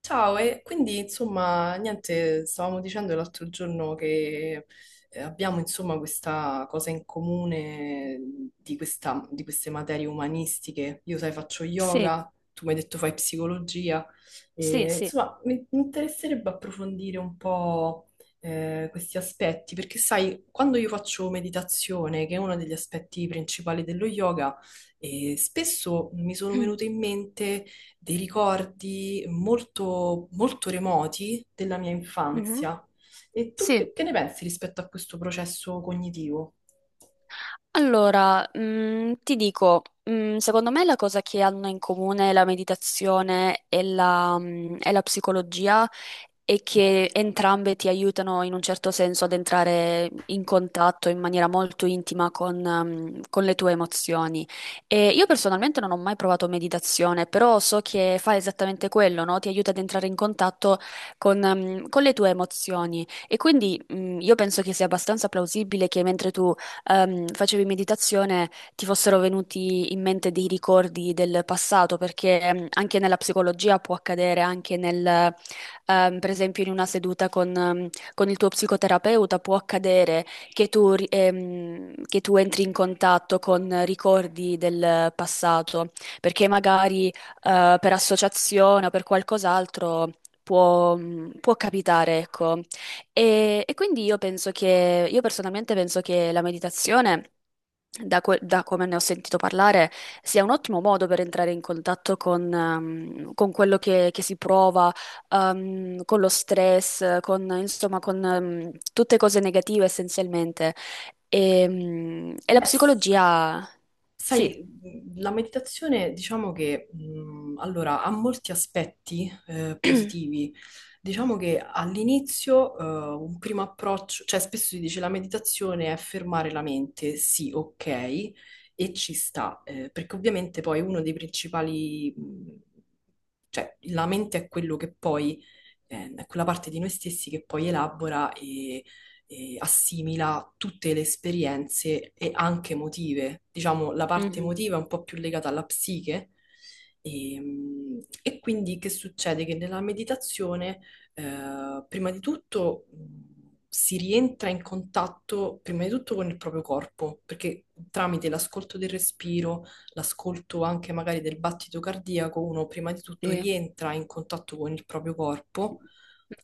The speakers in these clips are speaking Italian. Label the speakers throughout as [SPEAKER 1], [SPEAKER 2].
[SPEAKER 1] Ciao, e quindi insomma, niente, stavamo dicendo l'altro giorno che abbiamo insomma questa cosa in comune di, di queste materie umanistiche. Io, sai, faccio
[SPEAKER 2] Sì,
[SPEAKER 1] yoga, tu mi hai detto fai psicologia,
[SPEAKER 2] sì,
[SPEAKER 1] e,
[SPEAKER 2] sì,
[SPEAKER 1] insomma, mi interesserebbe approfondire un po' questi aspetti, perché sai, quando io faccio meditazione, che è uno degli aspetti principali dello yoga, spesso mi sono venute in mente dei ricordi molto, molto remoti della mia
[SPEAKER 2] Mhm.
[SPEAKER 1] infanzia. E tu
[SPEAKER 2] Sì.
[SPEAKER 1] che ne pensi rispetto a questo processo cognitivo?
[SPEAKER 2] Allora, ti dico, secondo me la cosa che hanno in comune la meditazione e la psicologia è che entrambe ti aiutano in un certo senso ad entrare in contatto in maniera molto intima con le tue emozioni. E io personalmente non ho mai provato meditazione, però so che fa esattamente quello, no? Ti aiuta ad entrare in contatto con le tue emozioni. E quindi, io penso che sia abbastanza plausibile che mentre tu facevi meditazione ti fossero venuti in mente dei ricordi del passato, perché anche nella psicologia può accadere, anche per esempio in una seduta con il tuo psicoterapeuta può accadere che tu entri in contatto con ricordi del passato, perché magari per associazione o per qualcos'altro può, può capitare, ecco. E quindi io personalmente penso che la meditazione, da come ne ho sentito parlare, sia un ottimo modo per entrare in contatto con quello che si prova, con lo stress, insomma, tutte cose negative essenzialmente. E la
[SPEAKER 1] Beh,
[SPEAKER 2] psicologia. Sì.
[SPEAKER 1] sai, la meditazione diciamo che allora, ha molti aspetti positivi. Diciamo che all'inizio un primo approccio, cioè spesso si dice la meditazione è fermare la mente, sì, ok, e ci sta, perché ovviamente poi uno dei principali, cioè la mente è quello che poi, è quella parte di noi stessi che poi elabora assimila tutte le esperienze e anche emotive. Diciamo, la parte
[SPEAKER 2] Mhm.
[SPEAKER 1] emotiva è un po' più legata alla psiche. E, e quindi che succede? Che nella meditazione, prima di tutto, si rientra in contatto, prima di tutto, con il proprio corpo, perché tramite l'ascolto del respiro, l'ascolto anche magari del battito cardiaco, uno prima di tutto
[SPEAKER 2] Sì.
[SPEAKER 1] rientra in contatto con il proprio corpo,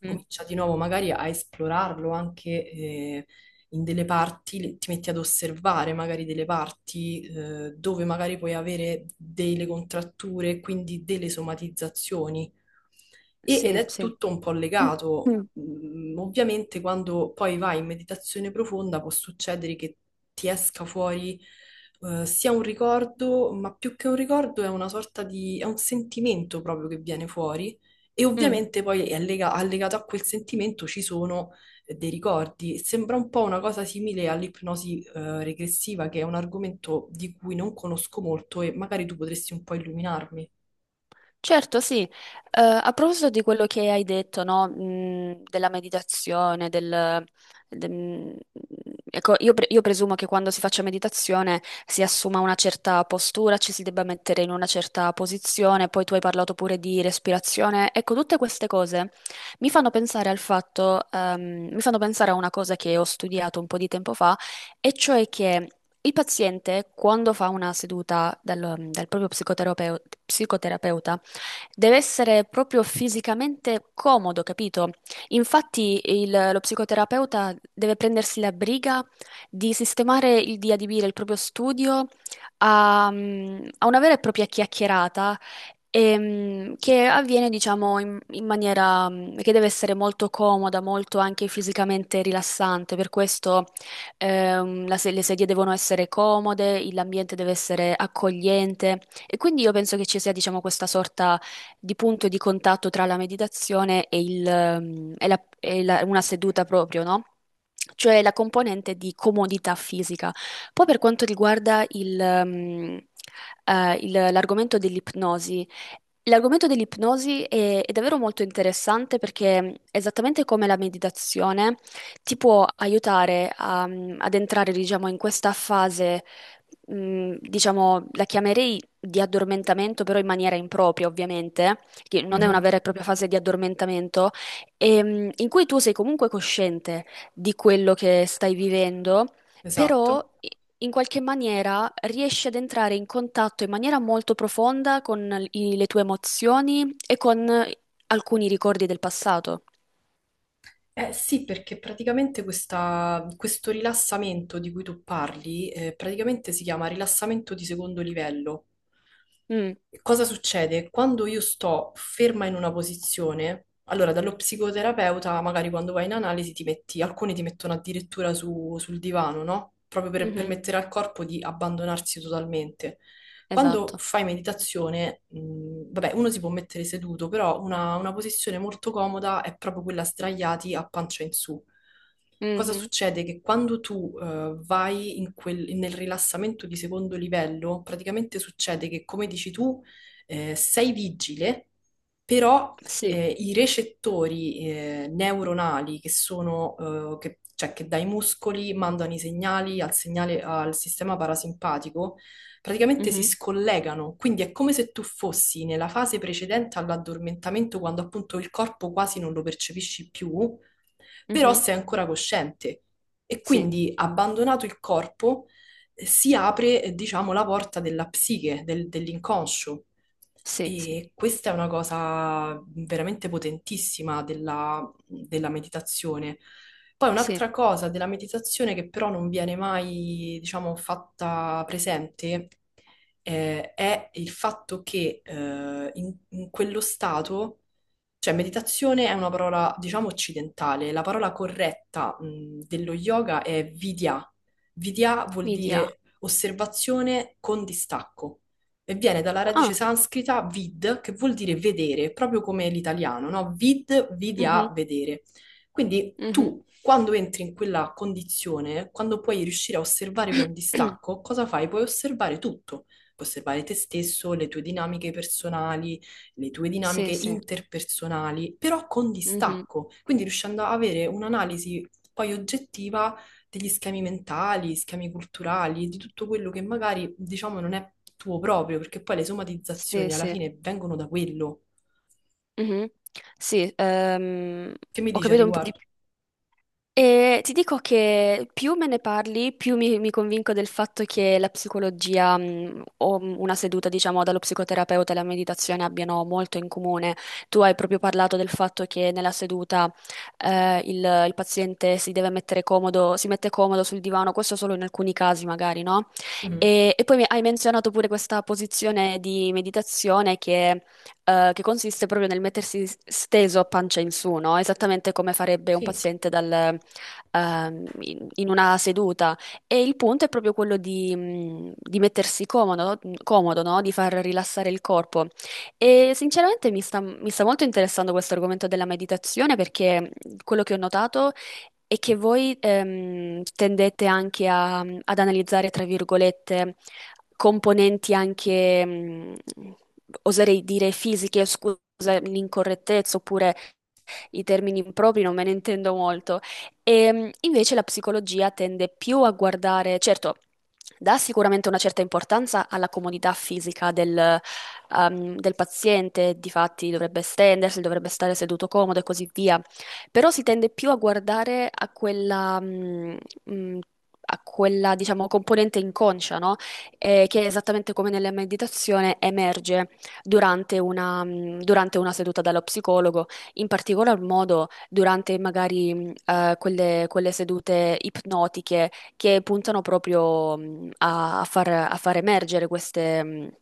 [SPEAKER 2] Mhm.
[SPEAKER 1] comincia di nuovo magari a esplorarlo anche in delle parti, ti metti ad osservare magari delle parti dove magari puoi avere delle contratture, quindi delle somatizzazioni. Ed
[SPEAKER 2] Sì,
[SPEAKER 1] è
[SPEAKER 2] sì.
[SPEAKER 1] tutto un po' legato.
[SPEAKER 2] Mm.
[SPEAKER 1] Ovviamente quando poi vai in meditazione profonda può succedere che ti esca fuori sia un ricordo, ma più che un ricordo è una sorta di, è un sentimento proprio che viene fuori e
[SPEAKER 2] Mm.
[SPEAKER 1] ovviamente poi è allegato a quel sentimento ci sono dei ricordi. Sembra un po' una cosa simile all'ipnosi regressiva, che è un argomento di cui non conosco molto e magari tu potresti un po' illuminarmi.
[SPEAKER 2] Certo, sì. A proposito di quello che hai detto, no, della meditazione, de- mh, ecco, io presumo che quando si faccia meditazione si assuma una certa postura, ci si debba mettere in una certa posizione, poi tu hai parlato pure di respirazione. Ecco, tutte queste cose mi fanno pensare al fatto, mi fanno pensare a una cosa che ho studiato un po' di tempo fa, e cioè che il paziente, quando fa una seduta dal proprio psicoterapeuta. Deve essere proprio fisicamente comodo, capito? Infatti lo psicoterapeuta deve prendersi la briga di sistemare, di adibire il proprio studio a una vera e propria chiacchierata che avviene, diciamo, in maniera che deve essere molto comoda, molto anche fisicamente rilassante. Per questo la se- le sedie devono essere comode, l'ambiente deve essere accogliente. E quindi io penso che ci sia, diciamo, questa sorta di punto di contatto tra la meditazione e una seduta proprio, no? Cioè la componente di comodità fisica. Poi per quanto riguarda l'argomento dell'ipnosi. L'argomento dell'ipnosi è davvero molto interessante perché, esattamente come la meditazione, ti può aiutare ad entrare, diciamo, in questa fase diciamo, la chiamerei di addormentamento, però in maniera impropria, ovviamente, che non è una
[SPEAKER 1] Mhm.
[SPEAKER 2] vera e propria fase di addormentamento, in cui tu sei comunque cosciente di quello che stai vivendo, però
[SPEAKER 1] Esatto.
[SPEAKER 2] in qualche maniera riesci ad entrare in contatto in maniera molto profonda con le tue emozioni e con alcuni ricordi del passato.
[SPEAKER 1] Eh sì, perché praticamente questo rilassamento di cui tu parli, praticamente si chiama rilassamento di secondo livello.
[SPEAKER 2] Mm,
[SPEAKER 1] Cosa succede? Quando io sto ferma in una posizione, allora dallo psicoterapeuta, magari quando vai in analisi ti metti, alcuni ti mettono addirittura sul divano, no? Proprio per
[SPEAKER 2] mhm,
[SPEAKER 1] permettere al corpo di abbandonarsi totalmente. Quando
[SPEAKER 2] esatto.
[SPEAKER 1] fai meditazione, vabbè, uno si può mettere seduto, però una posizione molto comoda è proprio quella sdraiati a pancia in su. Cosa
[SPEAKER 2] Mhm.
[SPEAKER 1] succede? Che quando tu vai in nel rilassamento di secondo livello, praticamente succede che, come dici tu, sei vigile, però
[SPEAKER 2] Sì.
[SPEAKER 1] i recettori neuronali che sono, cioè che dai muscoli mandano i segnali al segnale al sistema parasimpatico, praticamente si
[SPEAKER 2] Mhm,
[SPEAKER 1] scollegano. Quindi è come se tu fossi nella fase precedente all'addormentamento, quando appunto il corpo quasi non lo percepisci più, però
[SPEAKER 2] mhm,
[SPEAKER 1] sei ancora cosciente. E
[SPEAKER 2] sì,
[SPEAKER 1] quindi, abbandonato il corpo, si apre, diciamo, la porta della psiche, dell'inconscio.
[SPEAKER 2] sì, sì,
[SPEAKER 1] E questa è una cosa veramente potentissima della, della meditazione. Poi
[SPEAKER 2] sì.
[SPEAKER 1] un'altra cosa della meditazione che però non viene mai, diciamo, fatta presente, è il fatto che in quello stato, cioè, meditazione è una parola, diciamo, occidentale. La parola corretta, dello yoga è vidya. Vidya vuol
[SPEAKER 2] Media.
[SPEAKER 1] dire osservazione con distacco e viene dalla radice
[SPEAKER 2] Ah,
[SPEAKER 1] sanscrita vid, che vuol dire vedere, proprio come l'italiano, no? Vid,
[SPEAKER 2] mhm,
[SPEAKER 1] vidya, vedere. Quindi
[SPEAKER 2] mhm.
[SPEAKER 1] tu, quando entri in quella condizione, quando puoi riuscire a osservare con distacco, cosa fai? Puoi osservare tutto. Puoi osservare te stesso, le tue dinamiche personali, le tue
[SPEAKER 2] Sì,
[SPEAKER 1] dinamiche
[SPEAKER 2] sì,
[SPEAKER 1] interpersonali, però con
[SPEAKER 2] mhm,
[SPEAKER 1] distacco, quindi riuscendo a avere un'analisi poi oggettiva degli schemi mentali, schemi culturali, di tutto quello che magari diciamo non è tuo proprio, perché poi le
[SPEAKER 2] sì,
[SPEAKER 1] somatizzazioni alla
[SPEAKER 2] sì.
[SPEAKER 1] fine vengono da quello.
[SPEAKER 2] Mhm. Sì,
[SPEAKER 1] Che mi
[SPEAKER 2] ho
[SPEAKER 1] dici a
[SPEAKER 2] capito un po' di
[SPEAKER 1] riguardo?
[SPEAKER 2] più. E ti dico che più me ne parli, più mi convinco del fatto che la psicologia, o una seduta, diciamo, dallo psicoterapeuta e la meditazione abbiano molto in comune. Tu hai proprio parlato del fatto che nella seduta, il paziente si deve mettere comodo, si mette comodo sul divano, questo solo in alcuni casi magari, no?
[SPEAKER 1] Mhm.
[SPEAKER 2] E poi hai menzionato pure questa posizione di meditazione che consiste proprio nel mettersi steso a pancia in su, no? Esattamente come farebbe un
[SPEAKER 1] Sì,
[SPEAKER 2] paziente dal in una seduta. E il punto è proprio quello di mettersi comodo, comodo, no? Di far rilassare il corpo. E sinceramente mi sta molto interessando questo argomento della meditazione perché quello che ho notato è che voi tendete anche ad analizzare, tra virgolette, componenti anche, oserei dire, fisiche, scusa l'incorrettezza, oppure i termini impropri non me ne intendo molto. E invece la psicologia tende più a guardare, certo, dà sicuramente una certa importanza alla comodità fisica del paziente, difatti dovrebbe stendersi, dovrebbe stare seduto comodo e così via, però si tende più a guardare a mm, quella, diciamo, componente inconscia, no? Che esattamente come nella meditazione emerge durante una seduta dallo psicologo, in particolar modo durante magari quelle sedute ipnotiche che puntano proprio a far emergere queste, mh,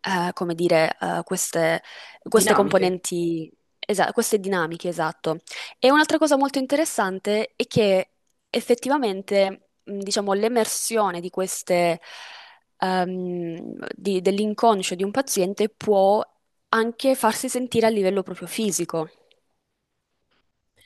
[SPEAKER 2] eh, come dire, queste
[SPEAKER 1] dinamiche.
[SPEAKER 2] componenti, queste dinamiche, esatto. E un'altra cosa molto interessante è che effettivamente, diciamo, l'emersione di queste dell'inconscio di un paziente può anche farsi sentire a livello proprio fisico.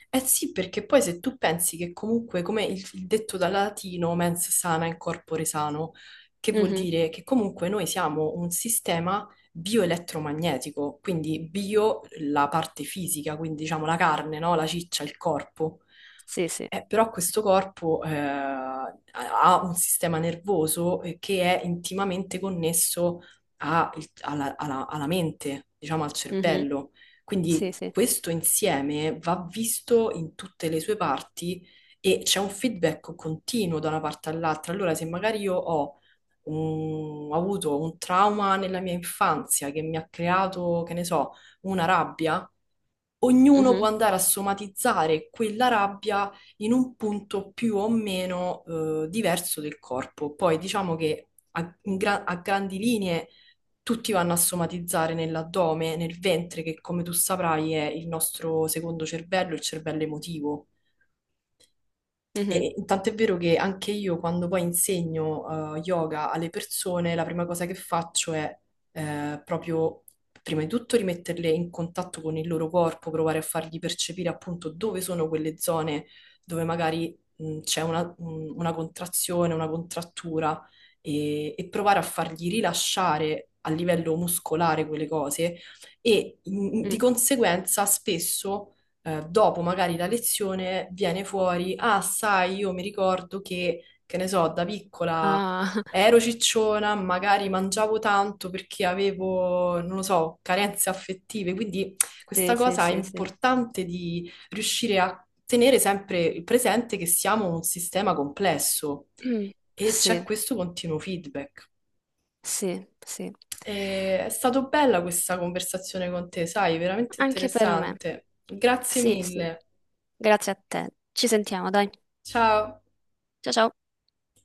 [SPEAKER 1] Eh sì, perché poi se tu pensi che comunque, come il detto dal latino, mens sana in corpore sano, che vuol
[SPEAKER 2] Mhm.
[SPEAKER 1] dire che comunque noi siamo un sistema bioelettromagnetico, quindi bio la parte fisica, quindi diciamo la carne, no? La ciccia, il corpo.
[SPEAKER 2] Sì, sì.
[SPEAKER 1] Però questo corpo ha un sistema nervoso che è intimamente connesso alla alla mente, diciamo al
[SPEAKER 2] Mhm.
[SPEAKER 1] cervello.
[SPEAKER 2] Sì,
[SPEAKER 1] Quindi
[SPEAKER 2] sì.
[SPEAKER 1] questo insieme va visto in tutte le sue parti e c'è un feedback continuo da una parte all'altra. Allora, se magari io ho ho avuto un trauma nella mia infanzia che mi ha creato, che ne so, una rabbia, ognuno può
[SPEAKER 2] Mhm.
[SPEAKER 1] andare a somatizzare quella rabbia in un punto più o meno diverso del corpo. Poi diciamo che a, in a grandi linee tutti vanno a somatizzare nell'addome, nel ventre, che come tu saprai è il nostro secondo cervello, il cervello emotivo.
[SPEAKER 2] Mhm.
[SPEAKER 1] E tant'è vero che anche io quando poi insegno yoga alle persone, la prima cosa che faccio è proprio, prima di tutto, rimetterle in contatto con il loro corpo, provare a fargli percepire appunto dove sono quelle zone dove magari c'è una contrazione, una contrattura e provare a fargli rilasciare a livello muscolare quelle cose e di
[SPEAKER 2] Mm.
[SPEAKER 1] conseguenza spesso dopo magari la lezione viene fuori, ah, sai, io mi ricordo che ne so, da piccola
[SPEAKER 2] Ah,
[SPEAKER 1] ero cicciona, magari mangiavo tanto perché avevo, non lo so, carenze affettive, quindi
[SPEAKER 2] sì,
[SPEAKER 1] questa
[SPEAKER 2] sì,
[SPEAKER 1] cosa è
[SPEAKER 2] sì, sì.
[SPEAKER 1] importante di riuscire a tenere sempre il presente che siamo un sistema complesso
[SPEAKER 2] Mm.
[SPEAKER 1] e c'è
[SPEAKER 2] Sì,
[SPEAKER 1] questo continuo feedback.
[SPEAKER 2] sì, sì.
[SPEAKER 1] E è stata bella questa conversazione con te, sai, veramente
[SPEAKER 2] Anche per me.
[SPEAKER 1] interessante. Grazie
[SPEAKER 2] Sì, sì.
[SPEAKER 1] mille.
[SPEAKER 2] Grazie a te. Ci sentiamo, dai.
[SPEAKER 1] Ciao.
[SPEAKER 2] Ciao, ciao.